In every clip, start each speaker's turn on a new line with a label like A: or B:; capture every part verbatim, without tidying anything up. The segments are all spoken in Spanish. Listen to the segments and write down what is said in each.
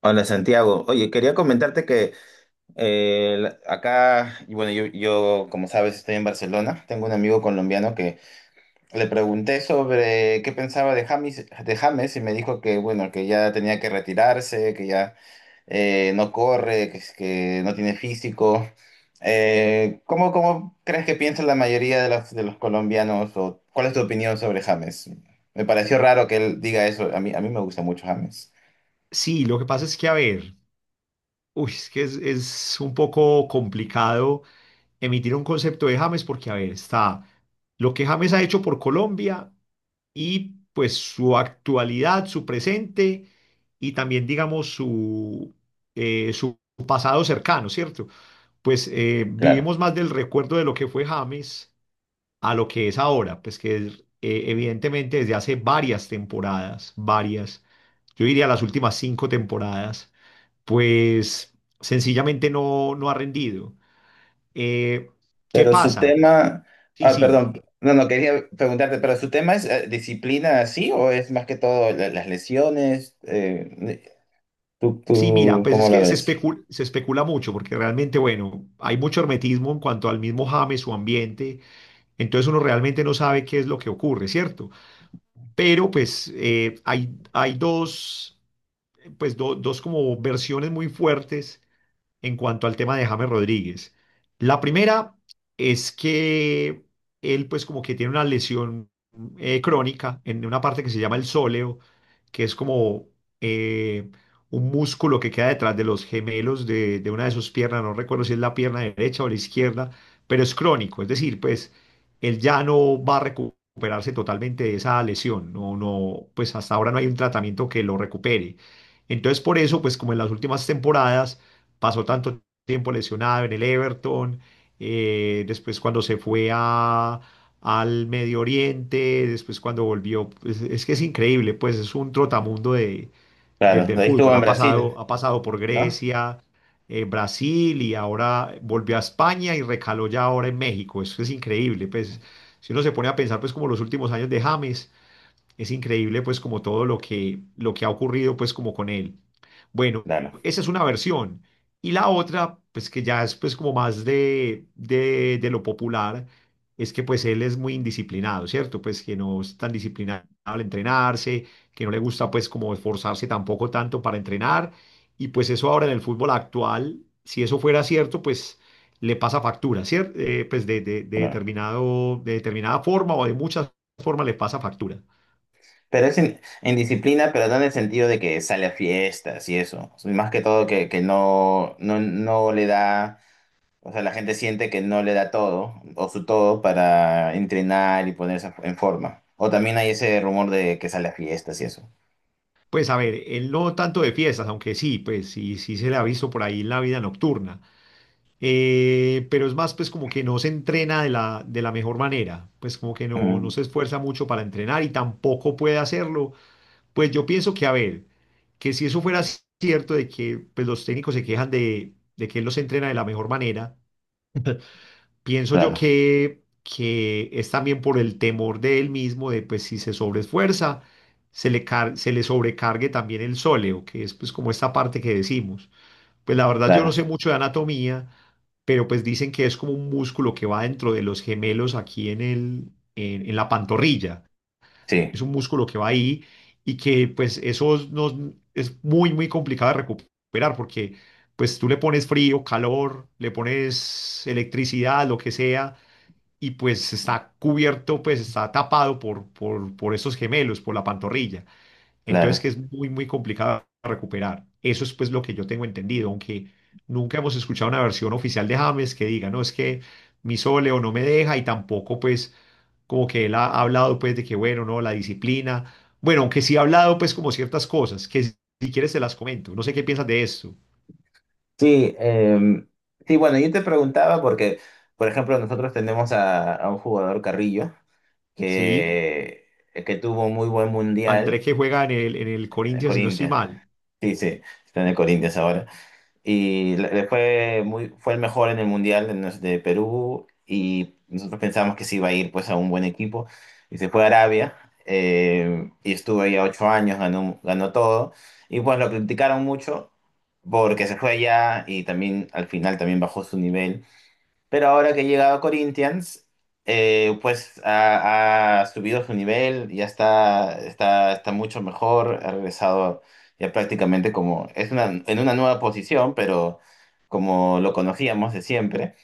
A: Hola Santiago, oye, quería comentarte que eh, la- acá, y bueno, yo, yo como sabes estoy en Barcelona, tengo un amigo colombiano que le pregunté sobre qué pensaba de James, de James y me dijo que bueno, que ya tenía que retirarse, que ya eh, no corre, que, es- que no tiene físico. Eh, ¿cómo, cómo crees que piensa la mayoría de los, de los colombianos o cuál es tu opinión sobre James? Me pareció raro que él diga eso, a mí, a mí me gusta mucho James.
B: Sí, lo que pasa es que, a ver, uy, es que es, es un poco complicado emitir un concepto de James porque, a ver, está lo que James ha hecho por Colombia y pues su actualidad, su presente y también, digamos, su, eh, su pasado cercano, ¿cierto? Pues eh,
A: Claro.
B: vivimos más del recuerdo de lo que fue James a lo que es ahora, pues que es, eh, evidentemente desde hace varias temporadas, varias, yo diría las últimas cinco temporadas pues sencillamente no, no ha rendido. Eh, ¿qué
A: Pero su
B: pasa?
A: tema,
B: Sí,
A: ah,
B: sí,
A: perdón, no, no quería preguntarte, pero su tema es eh, disciplina así o es más que todo la- las lesiones, eh, tú,
B: sí, mira,
A: tú,
B: pues
A: ¿cómo
B: es
A: la
B: que se
A: ves?
B: especula, se especula mucho porque realmente, bueno, hay mucho hermetismo en cuanto al mismo James, su ambiente, entonces uno realmente no sabe qué es lo que ocurre, ¿cierto? Pero pues eh, hay, hay dos, pues do- dos como versiones muy fuertes en cuanto al tema de James Rodríguez. La primera es que él pues como que tiene una lesión eh, crónica en una parte que se llama el sóleo, que es como eh, un músculo que queda detrás de los gemelos de, de una de sus piernas, no recuerdo si es la pierna derecha o la izquierda, pero es crónico, es decir, pues él ya no va a recuperarse totalmente de esa lesión, no, no, pues hasta ahora no hay un tratamiento que lo recupere. Entonces, por eso, pues como en las últimas temporadas, pasó tanto tiempo lesionado en el Everton, eh, después cuando se fue a, al Medio Oriente, después cuando volvió, pues, es que es increíble, pues es un trotamundo de, del,
A: Claro,
B: del
A: ahí estuvo
B: fútbol,
A: en
B: ha
A: Brasil,
B: pasado, ha pasado por
A: ¿no?
B: Grecia, eh, Brasil y ahora volvió a España y recaló ya ahora en México, eso es increíble, pues si uno se pone a pensar pues como los últimos años de James, es increíble pues como todo lo que, lo que ha ocurrido pues como con él. Bueno,
A: Claro,
B: esa es una versión. Y la otra, pues que ya es pues como más de, de, de lo popular, es que pues él es muy indisciplinado, ¿cierto? Pues que no es tan disciplinado al entrenarse, que no le gusta pues como esforzarse tampoco tanto para entrenar. Y pues eso ahora en el fútbol actual, si eso fuera cierto, pues le pasa factura, ¿cierto? Pues de, de, de
A: claro.
B: determinado, de determinada forma o de muchas formas le pasa factura.
A: Pero es en, en disciplina, pero no en el sentido de que sale a fiestas y eso. Más que todo que, que no, no, no le da, o sea, la gente siente que no le da todo o su todo para entrenar y ponerse en forma. O también hay ese rumor de que sale a fiestas y eso.
B: Pues a ver, él no tanto de fiestas, aunque sí, pues sí, sí se le ha visto por ahí en la vida nocturna. Eh, pero es más, pues como que no se entrena de la, de la mejor manera, pues como que no, no
A: Mm,
B: se esfuerza mucho para entrenar y tampoco puede hacerlo. Pues yo pienso que, a ver, que si eso fuera cierto de que pues, los técnicos se quejan de, de que él los entrena de la mejor manera. Pienso yo
A: claro,
B: que, que es también por el temor de él mismo, de pues si se sobreesfuerza, se le, car- se le sobrecargue también el sóleo, que es pues como esta parte que decimos. Pues la verdad yo no
A: claro,
B: sé mucho de anatomía, pero pues dicen que es como un músculo que va dentro de los gemelos aquí en el, en, en la pantorrilla.
A: sí,
B: Es un músculo que va ahí y que pues eso nos, es muy, muy complicado de recuperar porque pues tú le pones frío, calor, le pones electricidad, lo que sea y pues está cubierto, pues está tapado por, por, por esos gemelos, por la pantorrilla. Entonces
A: claro.
B: que es muy, muy complicado de recuperar. Eso es pues lo que yo tengo entendido, aunque nunca hemos escuchado una versión oficial de James que diga, no, es que mi soleo no me deja y tampoco pues como que él ha ha hablado pues de que bueno, no, la disciplina. Bueno, aunque sí ha hablado pues como ciertas cosas, que si si quieres te las comento. No sé qué piensas de esto.
A: Sí, em, sí, bueno, yo te preguntaba porque, por ejemplo, nosotros tenemos a, a un jugador Carrillo
B: Sí,
A: que, que tuvo un muy buen
B: André
A: mundial,
B: que juega en el, en el
A: eh,
B: Corinthians, si no estoy
A: Corinthians.
B: mal.
A: Sí, sí, está en el Corinthians ahora. Y le le fue muy, fue el mejor en el Mundial de, nos- de Perú y nosotros pensábamos que se iba a ir pues a un buen equipo. Y se fue a Arabia eh, y estuvo ahí a ocho años, ganó, ganó todo. Y pues lo criticaron mucho porque se fue allá y también al final también bajó su nivel. Pero ahora que ha llegado a Corinthians, eh, pues ha, ha subido su nivel, ya está, está, está mucho mejor, ha regresado ya prácticamente como, es una, en una nueva posición, pero como lo conocíamos de siempre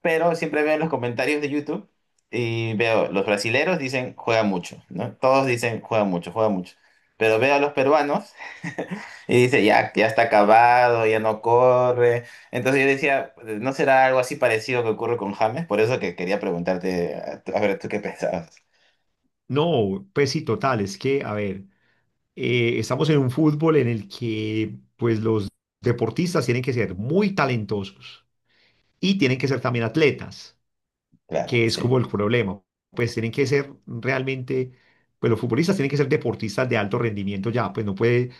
A: pero siempre veo en los comentarios de YouTube y veo, los brasileros dicen juega mucho, ¿no? Todos dicen juega mucho, juega mucho. Pero veo a los peruanos y dice ya, ya está acabado, ya no corre. Entonces yo decía, ¿no será algo así parecido que ocurre con James? Por eso que quería preguntarte, a a ver, ¿tú qué pensabas?
B: No, pues sí, total, es que, a ver, eh, estamos en un fútbol en el que pues los deportistas tienen que ser muy talentosos y tienen que ser también atletas,
A: Claro,
B: que es
A: sí,
B: como el problema. Pues tienen que ser realmente, pues los futbolistas tienen que ser deportistas de alto rendimiento ya, pues no puede,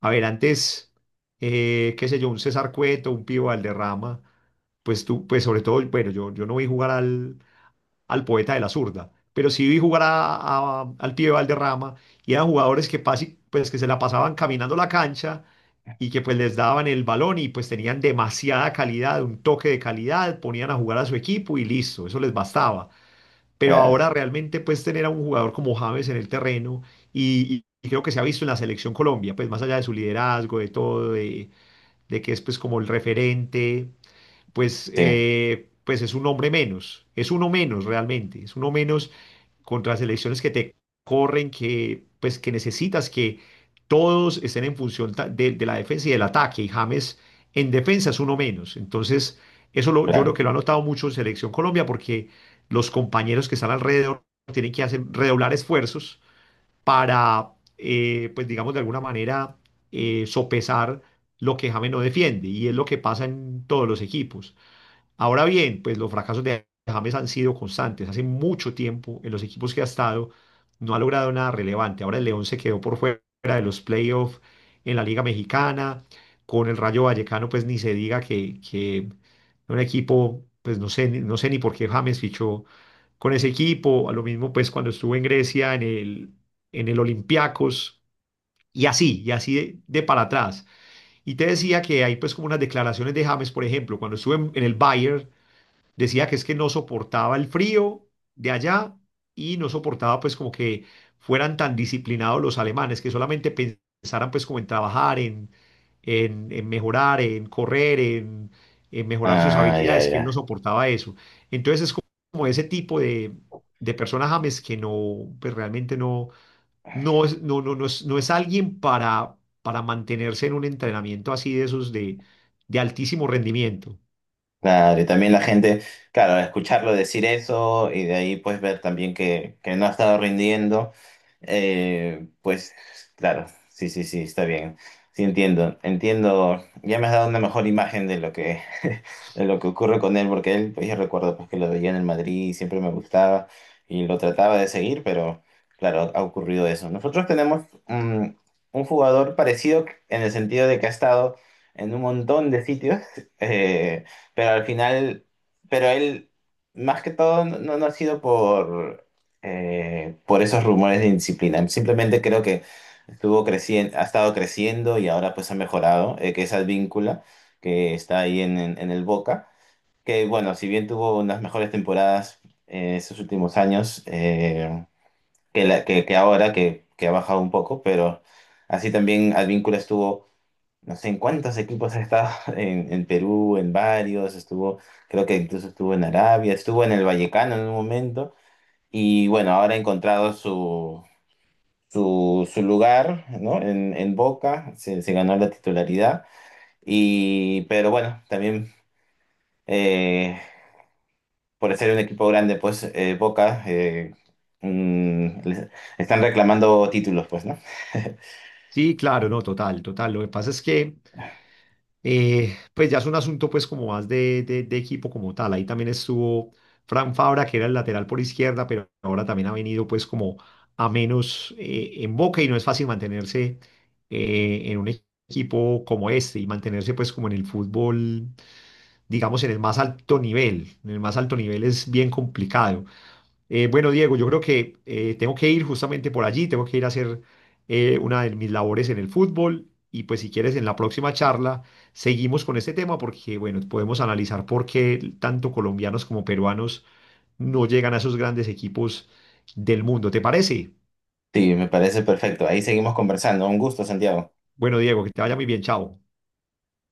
B: a ver, antes, eh, qué sé yo, un César Cueto, un Pío Valderrama, pues tú, pues sobre todo, bueno, yo, yo no vi jugar al, al poeta de la zurda, pero sí vi jugar a- a- al pibe Valderrama y eran jugadores que, pasi- pues, que se la pasaban caminando la cancha y que pues les daban el balón y pues tenían demasiada calidad, un toque de calidad, ponían a jugar a su equipo y listo, eso les bastaba. Pero ahora
A: claro,
B: realmente pues tener a un jugador como James en el terreno y, y- y creo que se ha visto en la selección Colombia, pues más allá de su liderazgo, de todo, de, de que es pues como el referente pues,
A: sí,
B: eh, pues es un hombre menos, es uno menos realmente, es uno menos contra selecciones que te corren, que, pues, que necesitas que todos estén en función ta- de, de la defensa y del ataque, y James en defensa es uno menos. Entonces, eso lo- yo creo
A: claro.
B: que lo ha notado mucho en Selección Colombia, porque los compañeros que están alrededor tienen que hacer redoblar esfuerzos para, eh, pues digamos, de alguna manera eh, sopesar lo que James no defiende, y es lo que pasa en todos los equipos. Ahora bien, pues los fracasos de James han sido constantes. Hace mucho tiempo en los equipos que ha estado no ha logrado nada relevante. Ahora el León se quedó por fuera de los playoffs en la Liga Mexicana. Con el Rayo Vallecano, pues ni se diga que, que un equipo, pues no sé, ni- no sé ni por qué James fichó con ese equipo. A lo mismo, pues cuando estuvo en Grecia, en el, en el Olympiacos, y así, y así de, de para atrás. Y te decía que hay pues como unas declaraciones de James, por ejemplo, cuando estuvo en, en el Bayern, decía que es que no soportaba el frío de allá y no soportaba pues como que fueran tan disciplinados los alemanes, que solamente pensaran pues como en trabajar, en, en, en mejorar, en correr, en, en mejorar sus
A: Ah, ya,
B: habilidades, que él no
A: ya.
B: soportaba eso. Entonces es como ese tipo de, de persona James que no, pues realmente no, no es, no, no, no es, no es alguien para, para mantenerse en un entrenamiento así de esos de, de altísimo rendimiento.
A: Claro, y también la gente, claro, escucharlo decir eso y de ahí pues ver también que, que no ha estado rindiendo, eh, pues claro, sí, sí, sí, está bien, sí entiendo, entiendo, ya me has dado una mejor imagen de lo que, de lo que ocurre con él, porque él, pues yo recuerdo pues que lo veía en el Madrid y siempre me gustaba y lo trataba de seguir, pero claro, ha ocurrido eso. Nosotros tenemos mm, un jugador parecido en el sentido de que ha estado en un montón de sitios. eh, pero al final, pero él, más que todo, no, no no ha sido por, eh, por esos rumores de indisciplina. Simplemente creo que estuvo creciendo, ha estado creciendo y ahora pues ha mejorado, eh, que es víncula que está ahí en, en- en el Boca. Que bueno, si bien tuvo unas mejores temporadas en estos últimos años, eh, que, la- que, que ahora, que, que ha bajado un poco, pero así también Advíncula estuvo no sé en cuántos equipos ha estado, en, en Perú, en varios, estuvo, creo que incluso estuvo en Arabia, estuvo en el Vallecano en un momento, y bueno, ahora ha encontrado su, su, su lugar, ¿no? En, en Boca, se, se ganó la titularidad, y, pero bueno, también eh, por ser un equipo grande, pues eh, Boca... eh, mm, les- están reclamando títulos, pues, ¿no?
B: Sí, claro, no, total, total. Lo que pasa es que, eh, pues ya es un asunto pues como más de, de- de equipo como tal. Ahí también estuvo Fran Fabra, que era el lateral por izquierda, pero ahora también ha venido pues como a menos eh, en Boca y no es fácil mantenerse eh, en un equipo como este y mantenerse pues como en el fútbol, digamos, en el más alto nivel. En el más alto nivel es bien complicado. Eh, bueno, Diego, yo creo que eh, tengo que ir justamente por allí, tengo que ir a hacer eh, una de mis labores en el fútbol y pues si quieres en la próxima charla seguimos con este tema porque bueno, podemos analizar por qué tanto colombianos como peruanos no llegan a esos grandes equipos del mundo. ¿Te parece?
A: Sí, me parece perfecto. Ahí seguimos conversando. Un gusto, Santiago.
B: Bueno, Diego, que te vaya muy bien, chao.